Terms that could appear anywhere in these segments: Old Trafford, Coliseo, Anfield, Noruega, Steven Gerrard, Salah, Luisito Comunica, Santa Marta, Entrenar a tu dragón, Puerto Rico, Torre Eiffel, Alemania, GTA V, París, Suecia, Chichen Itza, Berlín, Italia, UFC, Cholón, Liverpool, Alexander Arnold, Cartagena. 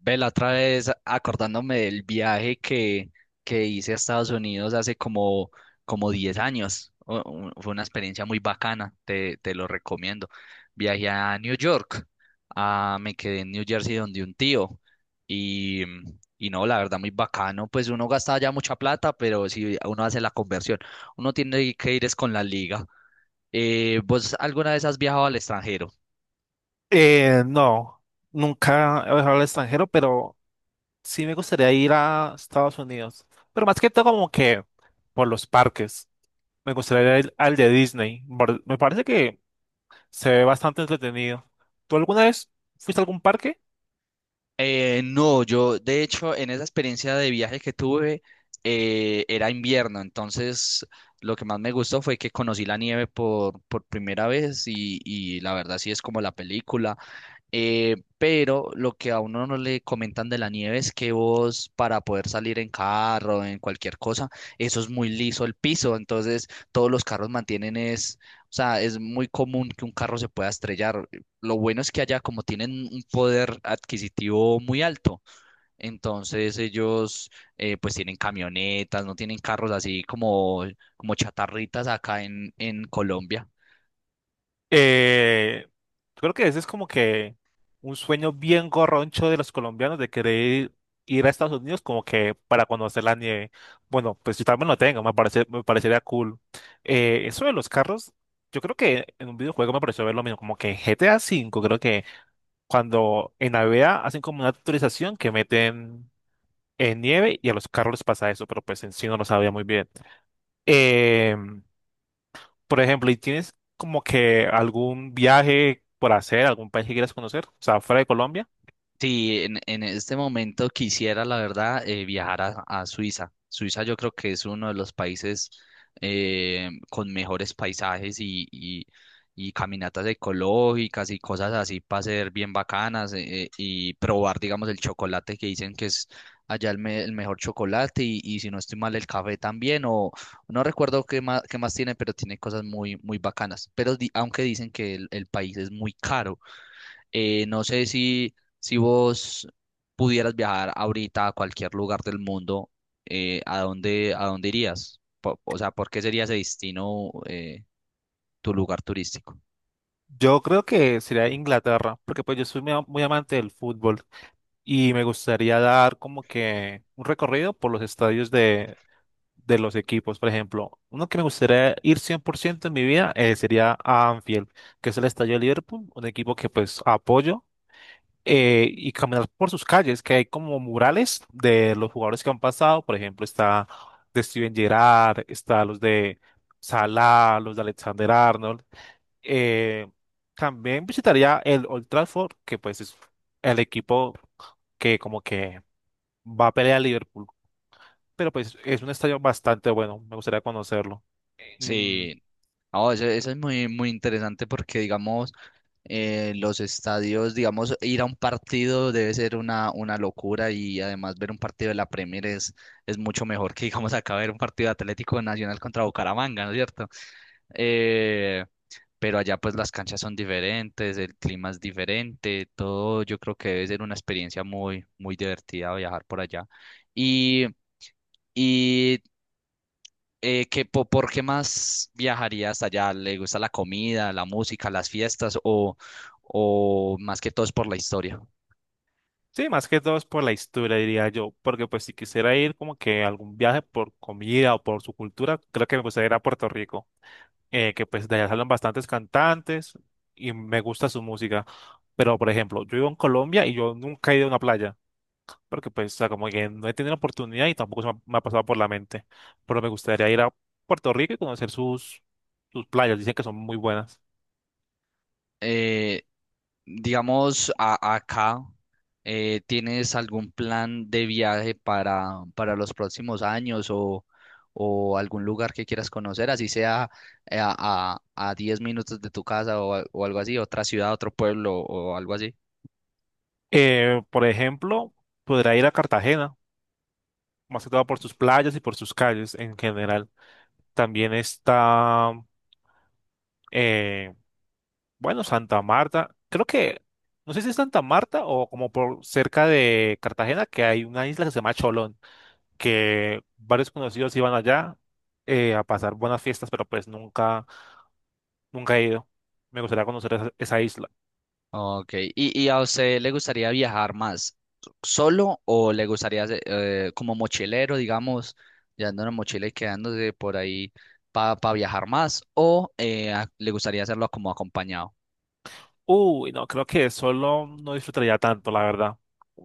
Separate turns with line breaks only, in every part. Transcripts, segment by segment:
Ve, la otra vez acordándome del viaje que hice a Estados Unidos hace como 10 años. Fue una experiencia muy bacana, te lo recomiendo. Viajé a New York, me quedé en New Jersey donde un tío y, y no, la verdad muy bacano. Pues uno gasta ya mucha plata, pero si uno hace la conversión, uno tiene que ir es con la liga. ¿Vos alguna vez has viajado al extranjero?
No, nunca he viajado al extranjero, pero sí me gustaría ir a Estados Unidos. Pero más que todo como que por los parques. Me gustaría ir al de Disney. Me parece que se ve bastante entretenido. ¿Tú alguna vez fuiste a algún parque?
No, yo de hecho en esa experiencia de viaje que tuve era invierno, entonces lo que más me gustó fue que conocí la nieve por primera vez y la verdad sí es como la película. Pero lo que a uno no le comentan de la nieve es que vos, para poder salir en carro, en cualquier cosa, eso es muy liso el piso, entonces todos los carros mantienen es, o sea, es muy común que un carro se pueda estrellar. Lo bueno es que allá, como tienen un poder adquisitivo muy alto, entonces ellos, pues, tienen camionetas, no tienen carros así como chatarritas acá en Colombia.
Eh, Creo que ese es como que un sueño bien gorroncho de los colombianos de querer ir a Estados Unidos como que para conocer la nieve. Bueno, pues yo también lo tengo, me parece, me parecería cool. Eso de los carros, yo creo que en un videojuego me pareció ver lo mismo, como que GTA V, creo que cuando en AVEA hacen como una actualización que meten en nieve y a los carros les pasa eso, pero pues en sí no lo sabía muy bien. Em, por ejemplo, ¿y tienes como que algún viaje por hacer, algún país que quieras conocer? O sea, fuera de Colombia.
Sí, en este momento quisiera, la verdad, viajar a Suiza. Suiza yo creo que es uno de los países con mejores paisajes y caminatas ecológicas y cosas así para ser bien bacanas, y probar, digamos, el chocolate que dicen que es allá el mejor chocolate y si no estoy mal el café también, o no recuerdo qué más, tiene, pero tiene cosas muy, muy bacanas. Aunque dicen que el país es muy caro. No sé si, vos pudieras viajar ahorita a cualquier lugar del mundo, ¿a dónde irías? O sea, ¿por qué sería ese destino? ¿Tu lugar turístico?
Yo creo que sería Inglaterra, porque pues yo soy muy, muy amante del fútbol y me gustaría dar como que un recorrido por los estadios de los equipos. Por ejemplo, uno que me gustaría ir 100% en mi vida, sería a Anfield, que es el estadio de Liverpool, un equipo que pues apoyo, y caminar por sus calles, que hay como murales de los jugadores que han pasado. Por ejemplo, está de Steven Gerrard, está los de Salah, los de Alexander Arnold. Eh, También visitaría el Old Trafford, que pues es el equipo que como que va a pelear a Liverpool. Pero pues es un estadio bastante bueno, me gustaría conocerlo. Mm,
Sí, no, eso, es muy, muy interesante porque, digamos, los estadios, digamos, ir a un partido debe ser una locura, y además ver un partido de la Premier es mucho mejor que, digamos, acá ver un partido de Atlético Nacional contra Bucaramanga, ¿no es cierto? Eh, pero allá, pues, las canchas son diferentes, el clima es diferente, todo, yo creo que debe ser una experiencia muy, muy divertida viajar por allá. Y, y qué más viajaría hasta allá? ¿Le gusta la comida, la música, las fiestas, o, más que todo es por la historia?
sí, más que todo es por la historia, diría yo, porque pues si quisiera ir como que a algún viaje por comida o por su cultura, creo que me gustaría ir a Puerto Rico. Que pues de allá salen bastantes cantantes y me gusta su música. Pero, por ejemplo, yo vivo en Colombia y yo nunca he ido a una playa, porque pues, o sea, como que no he tenido la oportunidad y tampoco se me ha pasado por la mente. Pero me gustaría ir a Puerto Rico y conocer sus playas, dicen que son muy buenas.
Eh, digamos, acá, ¿tienes algún plan de viaje para, los próximos años, o algún lugar que quieras conocer, así sea, eh, a, a, a 10 minutos de tu casa, o algo así, otra ciudad, otro pueblo o algo así?
Por ejemplo, podría ir a Cartagena, más que todo por sus playas y por sus calles en general. También está... eh, bueno, Santa Marta, creo que, no sé si es Santa Marta o como por cerca de Cartagena, que hay una isla que se llama Cholón, que varios conocidos iban allá, a pasar buenas fiestas, pero pues nunca, nunca he ido. Me gustaría conocer esa, esa isla.
Ok, ¿Y a usted le gustaría viajar más solo, o le gustaría, como mochilero, digamos, llevando una mochila y quedándose por ahí para viajar más, o le gustaría hacerlo como acompañado?
Uy, no, creo que solo no disfrutaría tanto, la verdad.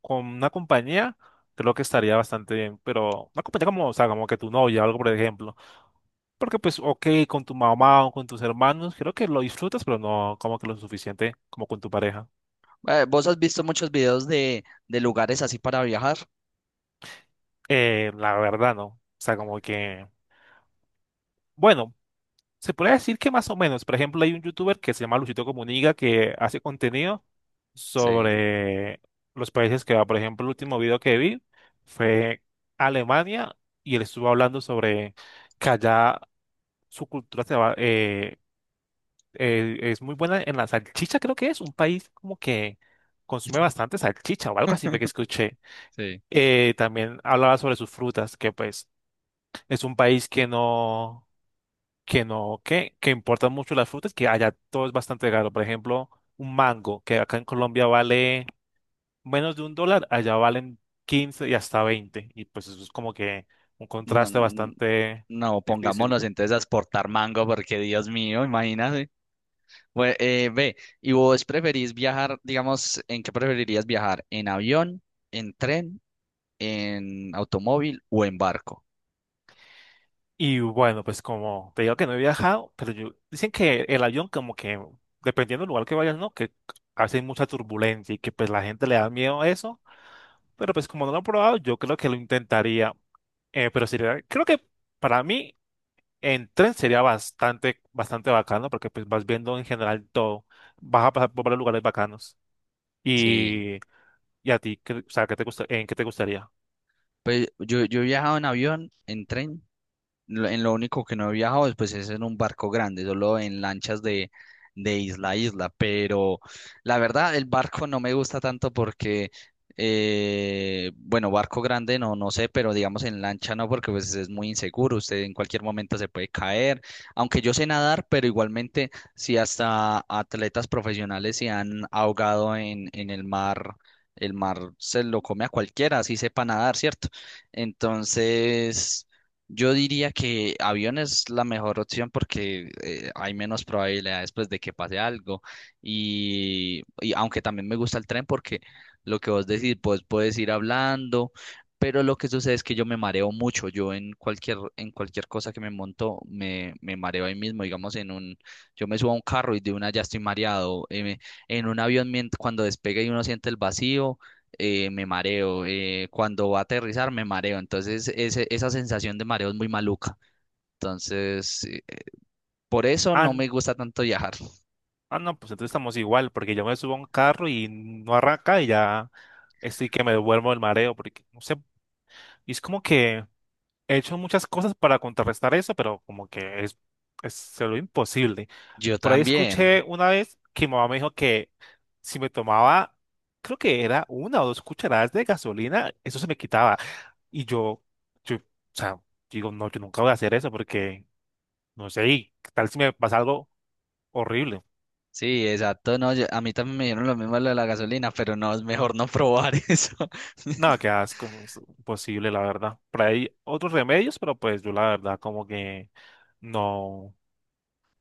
Con una compañía, creo que estaría bastante bien, pero una compañía como, o sea, como que tu novia o algo, por ejemplo. Porque pues, ok, con tu mamá o con tus hermanos, creo que lo disfrutas, pero no como que lo suficiente como con tu pareja.
¿Vos has visto muchos videos de lugares así para viajar?
La verdad, no. O sea, como que, bueno, se puede decir que más o menos. Por ejemplo, hay un youtuber que se llama Luisito Comunica que hace contenido
Sí,
sobre los países que va. Por ejemplo, el último video que vi fue Alemania y él estuvo hablando sobre que allá su cultura se va, es muy buena en la salchicha, creo que es un país como que consume bastante salchicha o algo así fue que escuché.
sí.
También hablaba sobre sus frutas, que pues es un país que no, que no, que importan mucho las frutas, que allá todo es bastante caro. Por ejemplo, un mango, que acá en Colombia vale menos de un dólar, allá valen 15 y hasta 20. Y pues eso es como que un
No,
contraste
n-
bastante.
no, pongámonos entonces a exportar mango, porque Dios mío, imagínate. Bueno, ve, ¿y vos preferís viajar, digamos, en qué preferirías viajar? ¿En avión, en tren, en automóvil o en barco?
Y bueno, pues como te digo que no he viajado, pero yo, dicen que el avión como que, dependiendo del lugar que vayas, ¿no? Que a veces hay mucha turbulencia y que pues la gente le da miedo a eso, pero pues como no lo he probado, yo creo que lo intentaría. Pero sería, creo que para mí en tren sería bastante, bastante bacano porque pues vas viendo en general todo, vas a pasar por varios lugares bacanos.
Sí,
Y, y a ti, ¿qué- o sea, ¿qué te gusta, en qué te gustaría?
pues yo he viajado en avión, en tren. En lo único que no he viajado después es en un barco grande, solo en lanchas de isla a isla. Pero la verdad, el barco no me gusta tanto porque, bueno, barco grande no, no sé, pero digamos en lancha no, porque pues es muy inseguro. Usted en cualquier momento se puede caer. Aunque yo sé nadar, pero igualmente, si hasta atletas profesionales se han ahogado en el mar. El mar se lo come a cualquiera, así sepa nadar, ¿cierto? Entonces, yo diría que avión es la mejor opción, porque hay menos probabilidades, pues, de que pase algo. Y aunque también me gusta el tren porque, lo que vos decís, pues puedes ir hablando. Pero lo que sucede es que yo me mareo mucho. Yo en cualquier cosa que me monto, me mareo ahí mismo. Digamos, yo me subo a un carro y de una ya estoy mareado. En un avión, cuando despega y uno siente el vacío, me mareo. Cuando va a aterrizar, me mareo. Entonces, esa sensación de mareo es muy maluca. Entonces, por eso no me gusta tanto viajar.
Ah, no, pues entonces estamos igual, porque yo me subo a un carro y no arranca y ya estoy que me duermo el mareo, porque no sé, y es como que he hecho muchas cosas para contrarrestar eso, pero como que es se lo imposible.
Yo
Por ahí
también.
escuché una vez que mi mamá me dijo que si me tomaba, creo que era una o dos cucharadas de gasolina, eso se me quitaba. Y o sea, digo, no, yo nunca voy a hacer eso porque, no sé, y ¿qué tal si me pasa algo horrible?
Sí, exacto. No, a mí también me dieron lo mismo, lo de la gasolina, pero no, es mejor no probar eso.
No, qué asco, no es posible, la verdad. Por ahí hay otros remedios, pero pues yo la verdad como que no,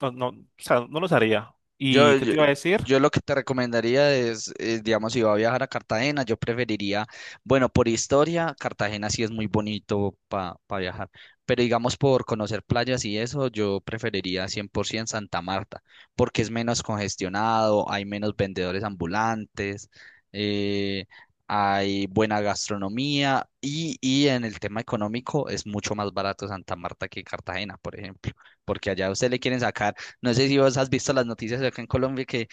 no, no, o sea, no los haría.
Yo,
¿Y qué
yo,
te iba a decir?
yo lo que te recomendaría es, digamos, si va a viajar a Cartagena, yo preferiría, bueno, por historia, Cartagena sí es muy bonito para viajar, pero digamos por conocer playas y eso, yo preferiría 100% Santa Marta, porque es menos congestionado, hay menos vendedores ambulantes, eh, hay buena gastronomía, y en el tema económico es mucho más barato Santa Marta que Cartagena, por ejemplo, porque allá a usted le quieren sacar. No sé si vos has visto las noticias de acá en Colombia que,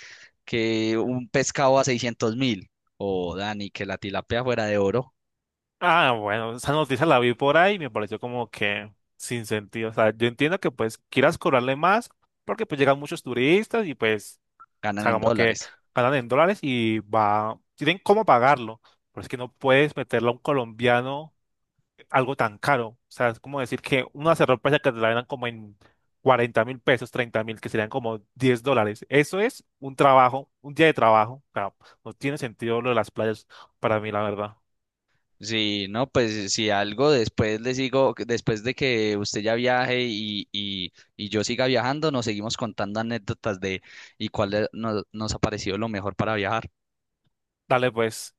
que un pescado a 600.000, o Dani, que la tilapia fuera de oro.
Ah, bueno, esa noticia la vi por ahí y me pareció como que sin sentido. O sea, yo entiendo que pues quieras cobrarle más porque pues llegan muchos turistas y pues, o
Ganan
sea,
en
como que
dólares.
ganan en dólares y va, tienen cómo pagarlo. Pero es que no puedes meterle a un colombiano algo tan caro. O sea, es como decir que una ropa que te la dan como en 40.000 pesos, 30.000, que serían como 10 dólares. Eso es un trabajo, un día de trabajo. O sea, no tiene sentido lo de las playas para mí, la verdad.
Sí, no, pues, si algo, después les digo, que después de que usted ya viaje y yo siga viajando, nos seguimos contando anécdotas de y cuál nos ha parecido lo mejor para viajar.
Dale, pues.